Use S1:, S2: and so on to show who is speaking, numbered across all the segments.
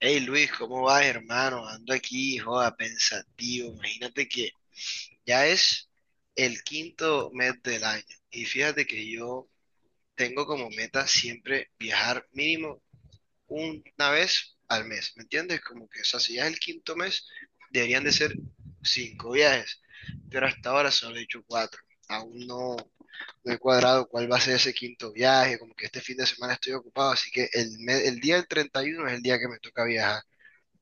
S1: Hey Luis, ¿cómo vas, hermano? Ando aquí, joda, pensativo. Imagínate que ya es el quinto mes del año. Y fíjate que yo tengo como meta siempre viajar mínimo una vez al mes. ¿Me entiendes? Como que, o sea, si ya es el quinto mes, deberían de ser cinco viajes. Pero hasta ahora solo he hecho cuatro. Aún no, no he cuadrado cuál va a ser ese quinto viaje. Como que este fin de semana estoy ocupado, así que el día del 31 es el día que me toca viajar.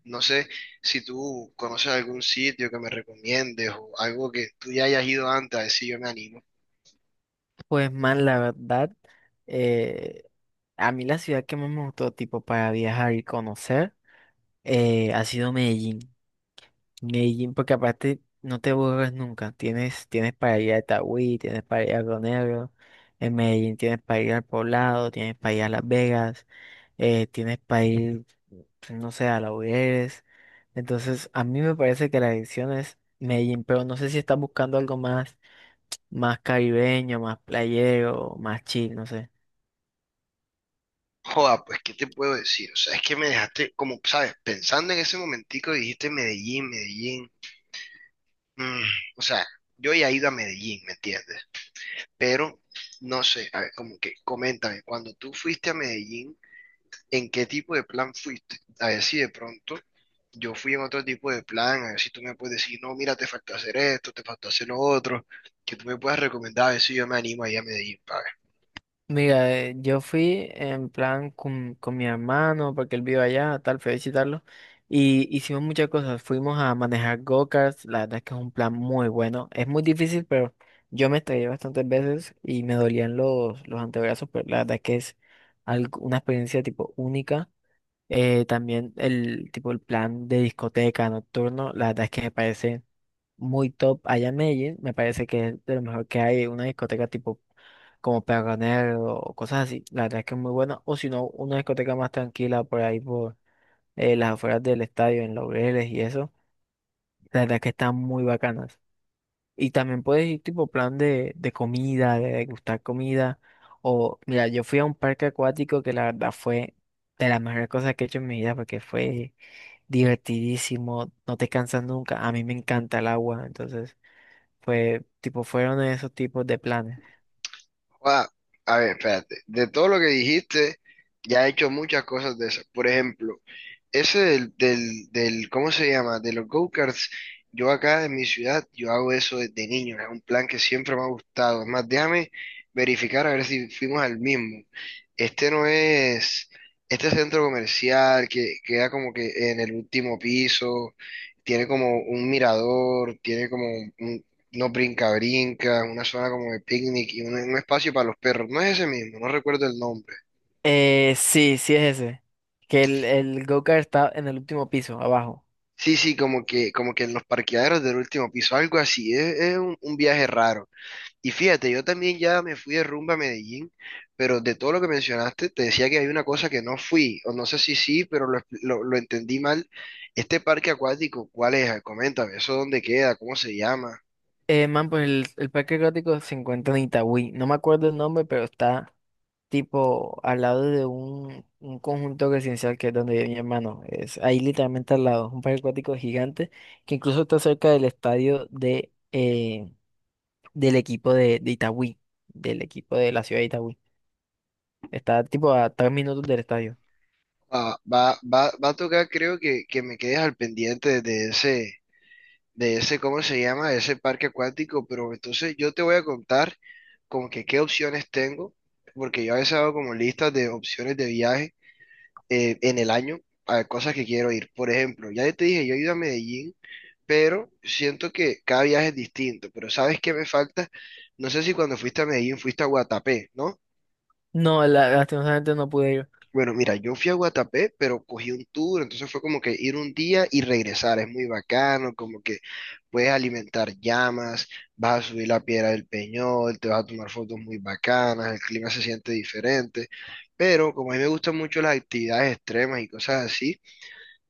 S1: No sé si tú conoces algún sitio que me recomiendes o algo que tú ya hayas ido antes, a ver si yo me animo.
S2: Pues man, la verdad, eh, a mí la ciudad que más me gustó tipo para viajar y conocer ha sido Medellín. Medellín, porque aparte no te aburres nunca. Tienes para ir a Itagüí, tienes para ir a Río Negro, en Medellín tienes para ir al Poblado, tienes para ir a Las Vegas, tienes para ir, pues, no sé, a Laureles. Entonces, a mí me parece que la dirección es Medellín, pero no sé si estás buscando algo más, más caribeño, más playero, más chill, no sé.
S1: Joda, pues, ¿qué te puedo decir? O sea, es que me dejaste, como, ¿sabes? Pensando en ese momentico, dijiste Medellín, Medellín. Mm, o sea, yo ya he ido a Medellín, ¿me entiendes? Pero, no sé, a ver, como que, coméntame, cuando tú fuiste a Medellín, en qué tipo de plan fuiste. A ver si de pronto yo fui en otro tipo de plan, a ver si tú me puedes decir, no, mira, te falta hacer esto, te falta hacer lo otro, que tú me puedas recomendar, a ver si yo me animo a ir a Medellín, pa.
S2: Mira, yo fui en plan con mi hermano, porque él vive allá, tal, fui a visitarlo, y hicimos muchas cosas. Fuimos a manejar go-karts, la verdad es que es un plan muy bueno. Es muy difícil, pero yo me estrellé bastantes veces y me dolían los antebrazos, pero la verdad es que es una experiencia tipo única. También el tipo el plan de discoteca nocturno, la verdad es que me parece muy top allá en Medellín. Me parece que es de lo mejor que hay una discoteca tipo como Perronero o cosas así. La verdad es que es muy buena. O si no, una discoteca más tranquila por ahí por las afueras del estadio, en Laureles y eso. La verdad es que están muy bacanas. Y también puedes ir tipo plan de comida, de degustar comida. O mira, yo fui a un parque acuático que la verdad fue de las mejores cosas que he hecho en mi vida porque fue divertidísimo, no te cansas nunca. A mí me encanta el agua, entonces... Fue, tipo, fueron esos tipos de planes.
S1: Joda, a ver, espérate. De todo lo que dijiste, ya he hecho muchas cosas de esas. Por ejemplo, ese ¿cómo se llama? De los go-karts. Yo acá en mi ciudad, yo hago eso desde niño. Es un plan que siempre me ha gustado. Es más, déjame verificar a ver si fuimos al mismo. Este no es, este centro comercial que queda como que en el último piso, tiene como un mirador, tiene como un, no brinca, brinca, una zona como de picnic y un espacio para los perros. No es ese mismo, no recuerdo el nombre.
S2: Sí, sí es ese. Que el go-kart está en el último piso, abajo.
S1: Sí, sí, como que en los parqueaderos del último piso, algo así. Es un viaje raro. Y fíjate, yo también ya me fui de rumba a Medellín, pero de todo lo que mencionaste, te decía que hay una cosa que no fui, o no sé si sí, pero lo entendí mal. Este parque acuático, ¿cuál es? Coméntame, ¿eso dónde queda? ¿Cómo se llama?
S2: Man, pues el parque acuático se encuentra en Itagüí. No me acuerdo el nombre, pero está tipo al lado de un conjunto residencial que es donde vive mi hermano. Es ahí literalmente al lado. Un parque acuático gigante que incluso está cerca del estadio de, del equipo de Itagüí. Del equipo de la ciudad de Itagüí. Está tipo a 3 minutos del estadio.
S1: Ah, va a tocar, creo que me quedes al pendiente de ese, ¿cómo se llama? De ese parque acuático, pero entonces yo te voy a contar como que qué opciones tengo, porque yo a veces hago como listas de opciones de viaje, en el año, a cosas que quiero ir. Por ejemplo, ya te dije, yo he ido a Medellín, pero siento que cada viaje es distinto, pero ¿sabes qué me falta? No sé si cuando fuiste a Medellín fuiste a Guatapé, ¿no?
S2: No, lastimosamente no pude ir.
S1: Bueno, mira, yo fui a Guatapé, pero cogí un tour, entonces fue como que ir un día y regresar, es muy bacano, como que puedes alimentar llamas, vas a subir la piedra del Peñol, te vas a tomar fotos muy bacanas, el clima se siente diferente, pero como a mí me gustan mucho las actividades extremas y cosas así,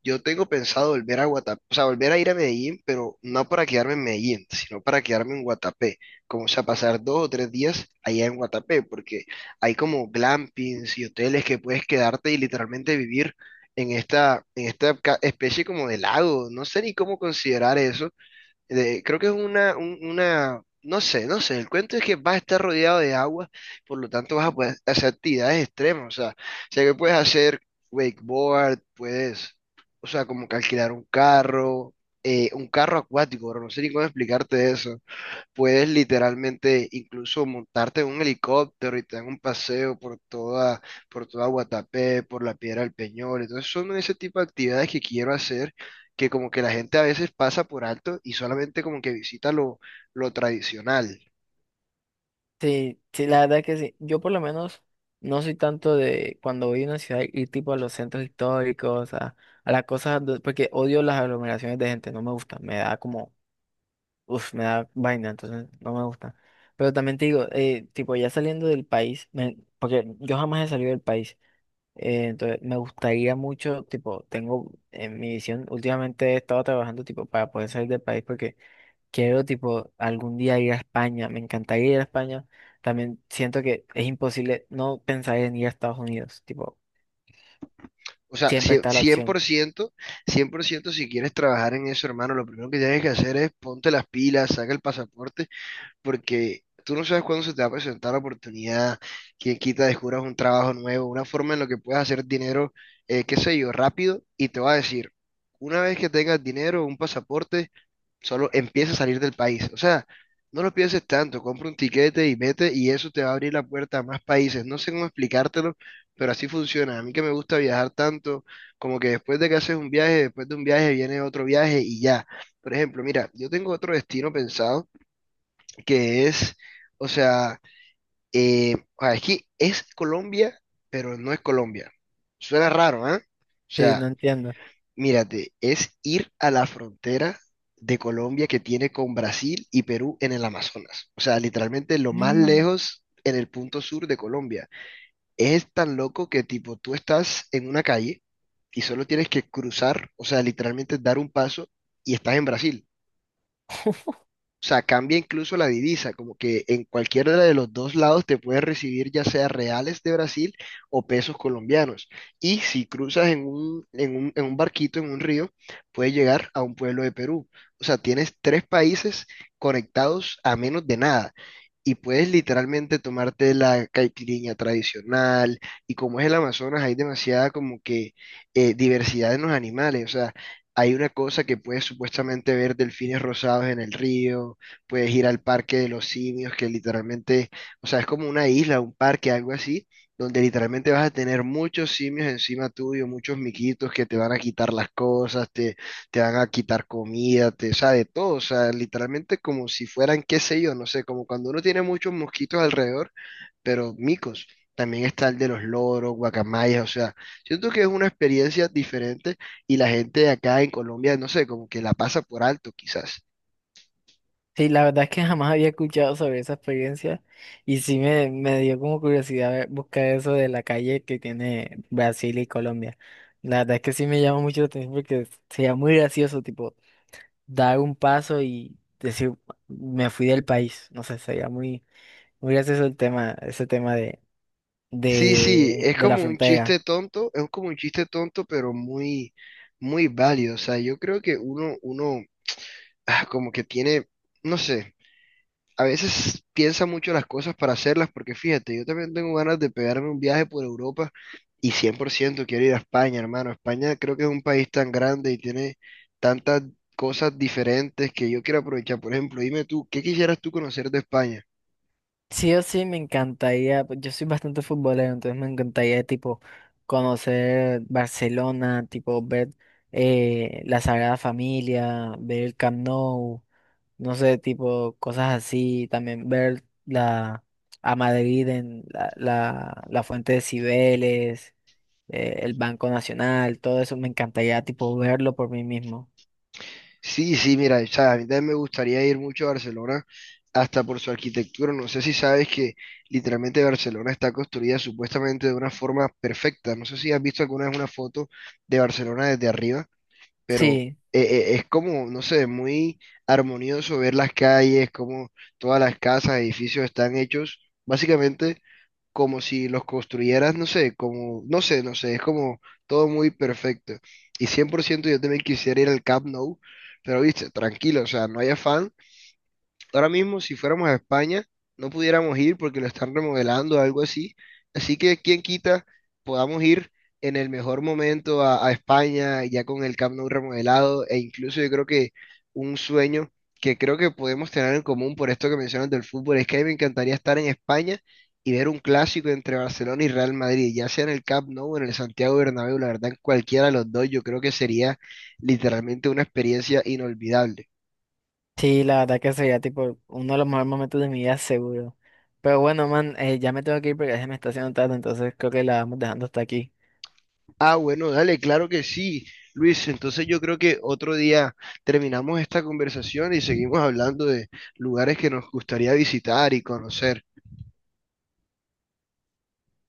S1: yo tengo pensado volver a Guatapé, o sea, volver a ir a Medellín, pero no para quedarme en Medellín, sino para quedarme en Guatapé, como o sea, pasar 2 o 3 días allá en Guatapé, porque hay como glampings y hoteles que puedes quedarte y literalmente vivir en esta especie como de lago, no sé ni cómo considerar eso, creo que es una, no sé, no sé, el cuento es que vas a estar rodeado de agua, por lo tanto vas a poder hacer actividades extremas, o sea que puedes hacer wakeboard, puedes, o sea, como que alquilar un carro acuático, bro, no sé ni cómo explicarte eso. Puedes literalmente incluso montarte en un helicóptero y te dan un paseo por toda Guatapé, por la Piedra del Peñol. Entonces son ese tipo de actividades que quiero hacer, que como que la gente a veces pasa por alto y solamente como que visita lo tradicional.
S2: Sí, sí, la verdad que sí. Yo por lo menos no soy tanto de cuando voy a una ciudad ir tipo a los centros históricos, a las cosas, porque odio las aglomeraciones de gente, no me gusta, me da como, uff, me da vaina, entonces no me gusta. Pero también te digo, tipo ya saliendo del país, porque yo jamás he salido del país, entonces me gustaría mucho, tipo, tengo en mi visión, últimamente he estado trabajando tipo para poder salir del país porque... Quiero, tipo, algún día ir a España. Me encantaría ir a España. También siento que es imposible no pensar en ir a Estados Unidos. Tipo,
S1: O sea,
S2: siempre
S1: cie-
S2: está la
S1: cien
S2: opción.
S1: por ciento cien por ciento si quieres trabajar en eso, hermano, lo primero que tienes que hacer es ponte las pilas, saca el pasaporte porque tú no sabes cuándo se te va a presentar la oportunidad, que quita descubras un trabajo nuevo, una forma en la que puedas hacer dinero, qué sé yo, rápido, y te va a decir, una vez que tengas dinero, un pasaporte, solo empieza a salir del país. O sea, no lo pienses tanto, compra un tiquete y vete, y eso te va a abrir la puerta a más países. No sé cómo explicártelo, pero así funciona. A mí que me gusta viajar tanto, como que después de que haces un viaje, después de un viaje viene otro viaje y ya. Por ejemplo, mira, yo tengo otro destino pensado que es, o sea, es que es Colombia, pero no es Colombia. Suena raro, ¿eh? O
S2: Sí, no
S1: sea,
S2: entiendo.
S1: mírate, es ir a la frontera de Colombia que tiene con Brasil y Perú en el Amazonas. O sea, literalmente lo más
S2: Mm.
S1: lejos en el punto sur de Colombia. Es tan loco que tipo tú estás en una calle y solo tienes que cruzar, o sea, literalmente dar un paso y estás en Brasil. O sea, cambia incluso la divisa, como que en cualquiera de los dos lados te puedes recibir ya sea reales de Brasil o pesos colombianos. Y si cruzas en un barquito, en un río, puedes llegar a un pueblo de Perú. O sea, tienes tres países conectados a menos de nada. Y puedes literalmente tomarte la caipirinha tradicional. Y como es el Amazonas, hay demasiada como que diversidad en los animales. O sea, hay una cosa que puedes supuestamente ver delfines rosados en el río, puedes ir al parque de los simios, que literalmente, o sea, es como una isla, un parque, algo así, donde literalmente vas a tener muchos simios encima tuyo, muchos miquitos que te van a quitar las cosas, te van a quitar comida, o sea, de todo, o sea, literalmente como si fueran, qué sé yo, no sé, como cuando uno tiene muchos mosquitos alrededor pero micos. También está el de los loros, guacamayas, o sea, siento que es una experiencia diferente y la gente de acá en Colombia, no sé, como que la pasa por alto quizás.
S2: Sí, la verdad es que jamás había escuchado sobre esa experiencia y sí me dio como curiosidad buscar eso de la calle que tiene Brasil y Colombia. La verdad es que sí me llama mucho la atención porque sería muy gracioso, tipo, dar un paso y decir, me fui del país. No sé, sería muy, muy gracioso el tema, ese tema de
S1: Sí, sí, es
S2: de la
S1: como un
S2: frontera.
S1: chiste tonto, es como un chiste tonto, pero muy, muy válido. O sea, yo creo que uno, como que tiene, no sé. A veces piensa mucho las cosas para hacerlas, porque fíjate, yo también tengo ganas de pegarme un viaje por Europa y 100% quiero ir a España, hermano. España creo que es un país tan grande y tiene tantas cosas diferentes que yo quiero aprovechar. Por ejemplo, dime tú, ¿qué quisieras tú conocer de España?
S2: Sí o sí me encantaría, pues, yo soy bastante futbolero, entonces me encantaría tipo conocer Barcelona, tipo ver la Sagrada Familia, ver el Camp Nou, no sé, tipo cosas así, también ver la a Madrid en la Fuente de Cibeles, el Banco Nacional, todo eso me encantaría tipo verlo por mí mismo.
S1: Sí, sí, mira, o sea, a mí también me gustaría ir mucho a Barcelona, hasta por su arquitectura. No sé si sabes que literalmente Barcelona está construida supuestamente de una forma perfecta. No sé si has visto alguna vez una foto de Barcelona desde arriba, pero
S2: Sí.
S1: es como, no sé, muy armonioso ver las calles, como todas las casas, edificios están hechos básicamente como si los construyeras, no sé, como, no sé, no sé, es como todo muy perfecto. Y 100% yo también quisiera ir al Camp Nou, pero viste, tranquilo, o sea, no hay afán. Ahora mismo, si fuéramos a España, no pudiéramos ir porque lo están remodelando o algo así. Así que, quién quita, podamos ir en el mejor momento a España, ya con el Camp Nou remodelado, e incluso yo creo que un sueño que creo que podemos tener en común por esto que mencionas del fútbol, es que a mí me encantaría estar en España y ver un clásico entre Barcelona y Real Madrid, ya sea en el Camp Nou o en el Santiago Bernabéu, la verdad, en cualquiera de los dos, yo creo que sería literalmente una experiencia inolvidable.
S2: Sí, la verdad que sería tipo uno de los mejores momentos de mi vida seguro. Pero bueno, man, ya me tengo que ir porque ya se me está haciendo tarde, entonces creo que la vamos dejando hasta aquí.
S1: Ah, bueno, dale, claro que sí, Luis. Entonces yo creo que otro día terminamos esta conversación y seguimos hablando de lugares que nos gustaría visitar y conocer.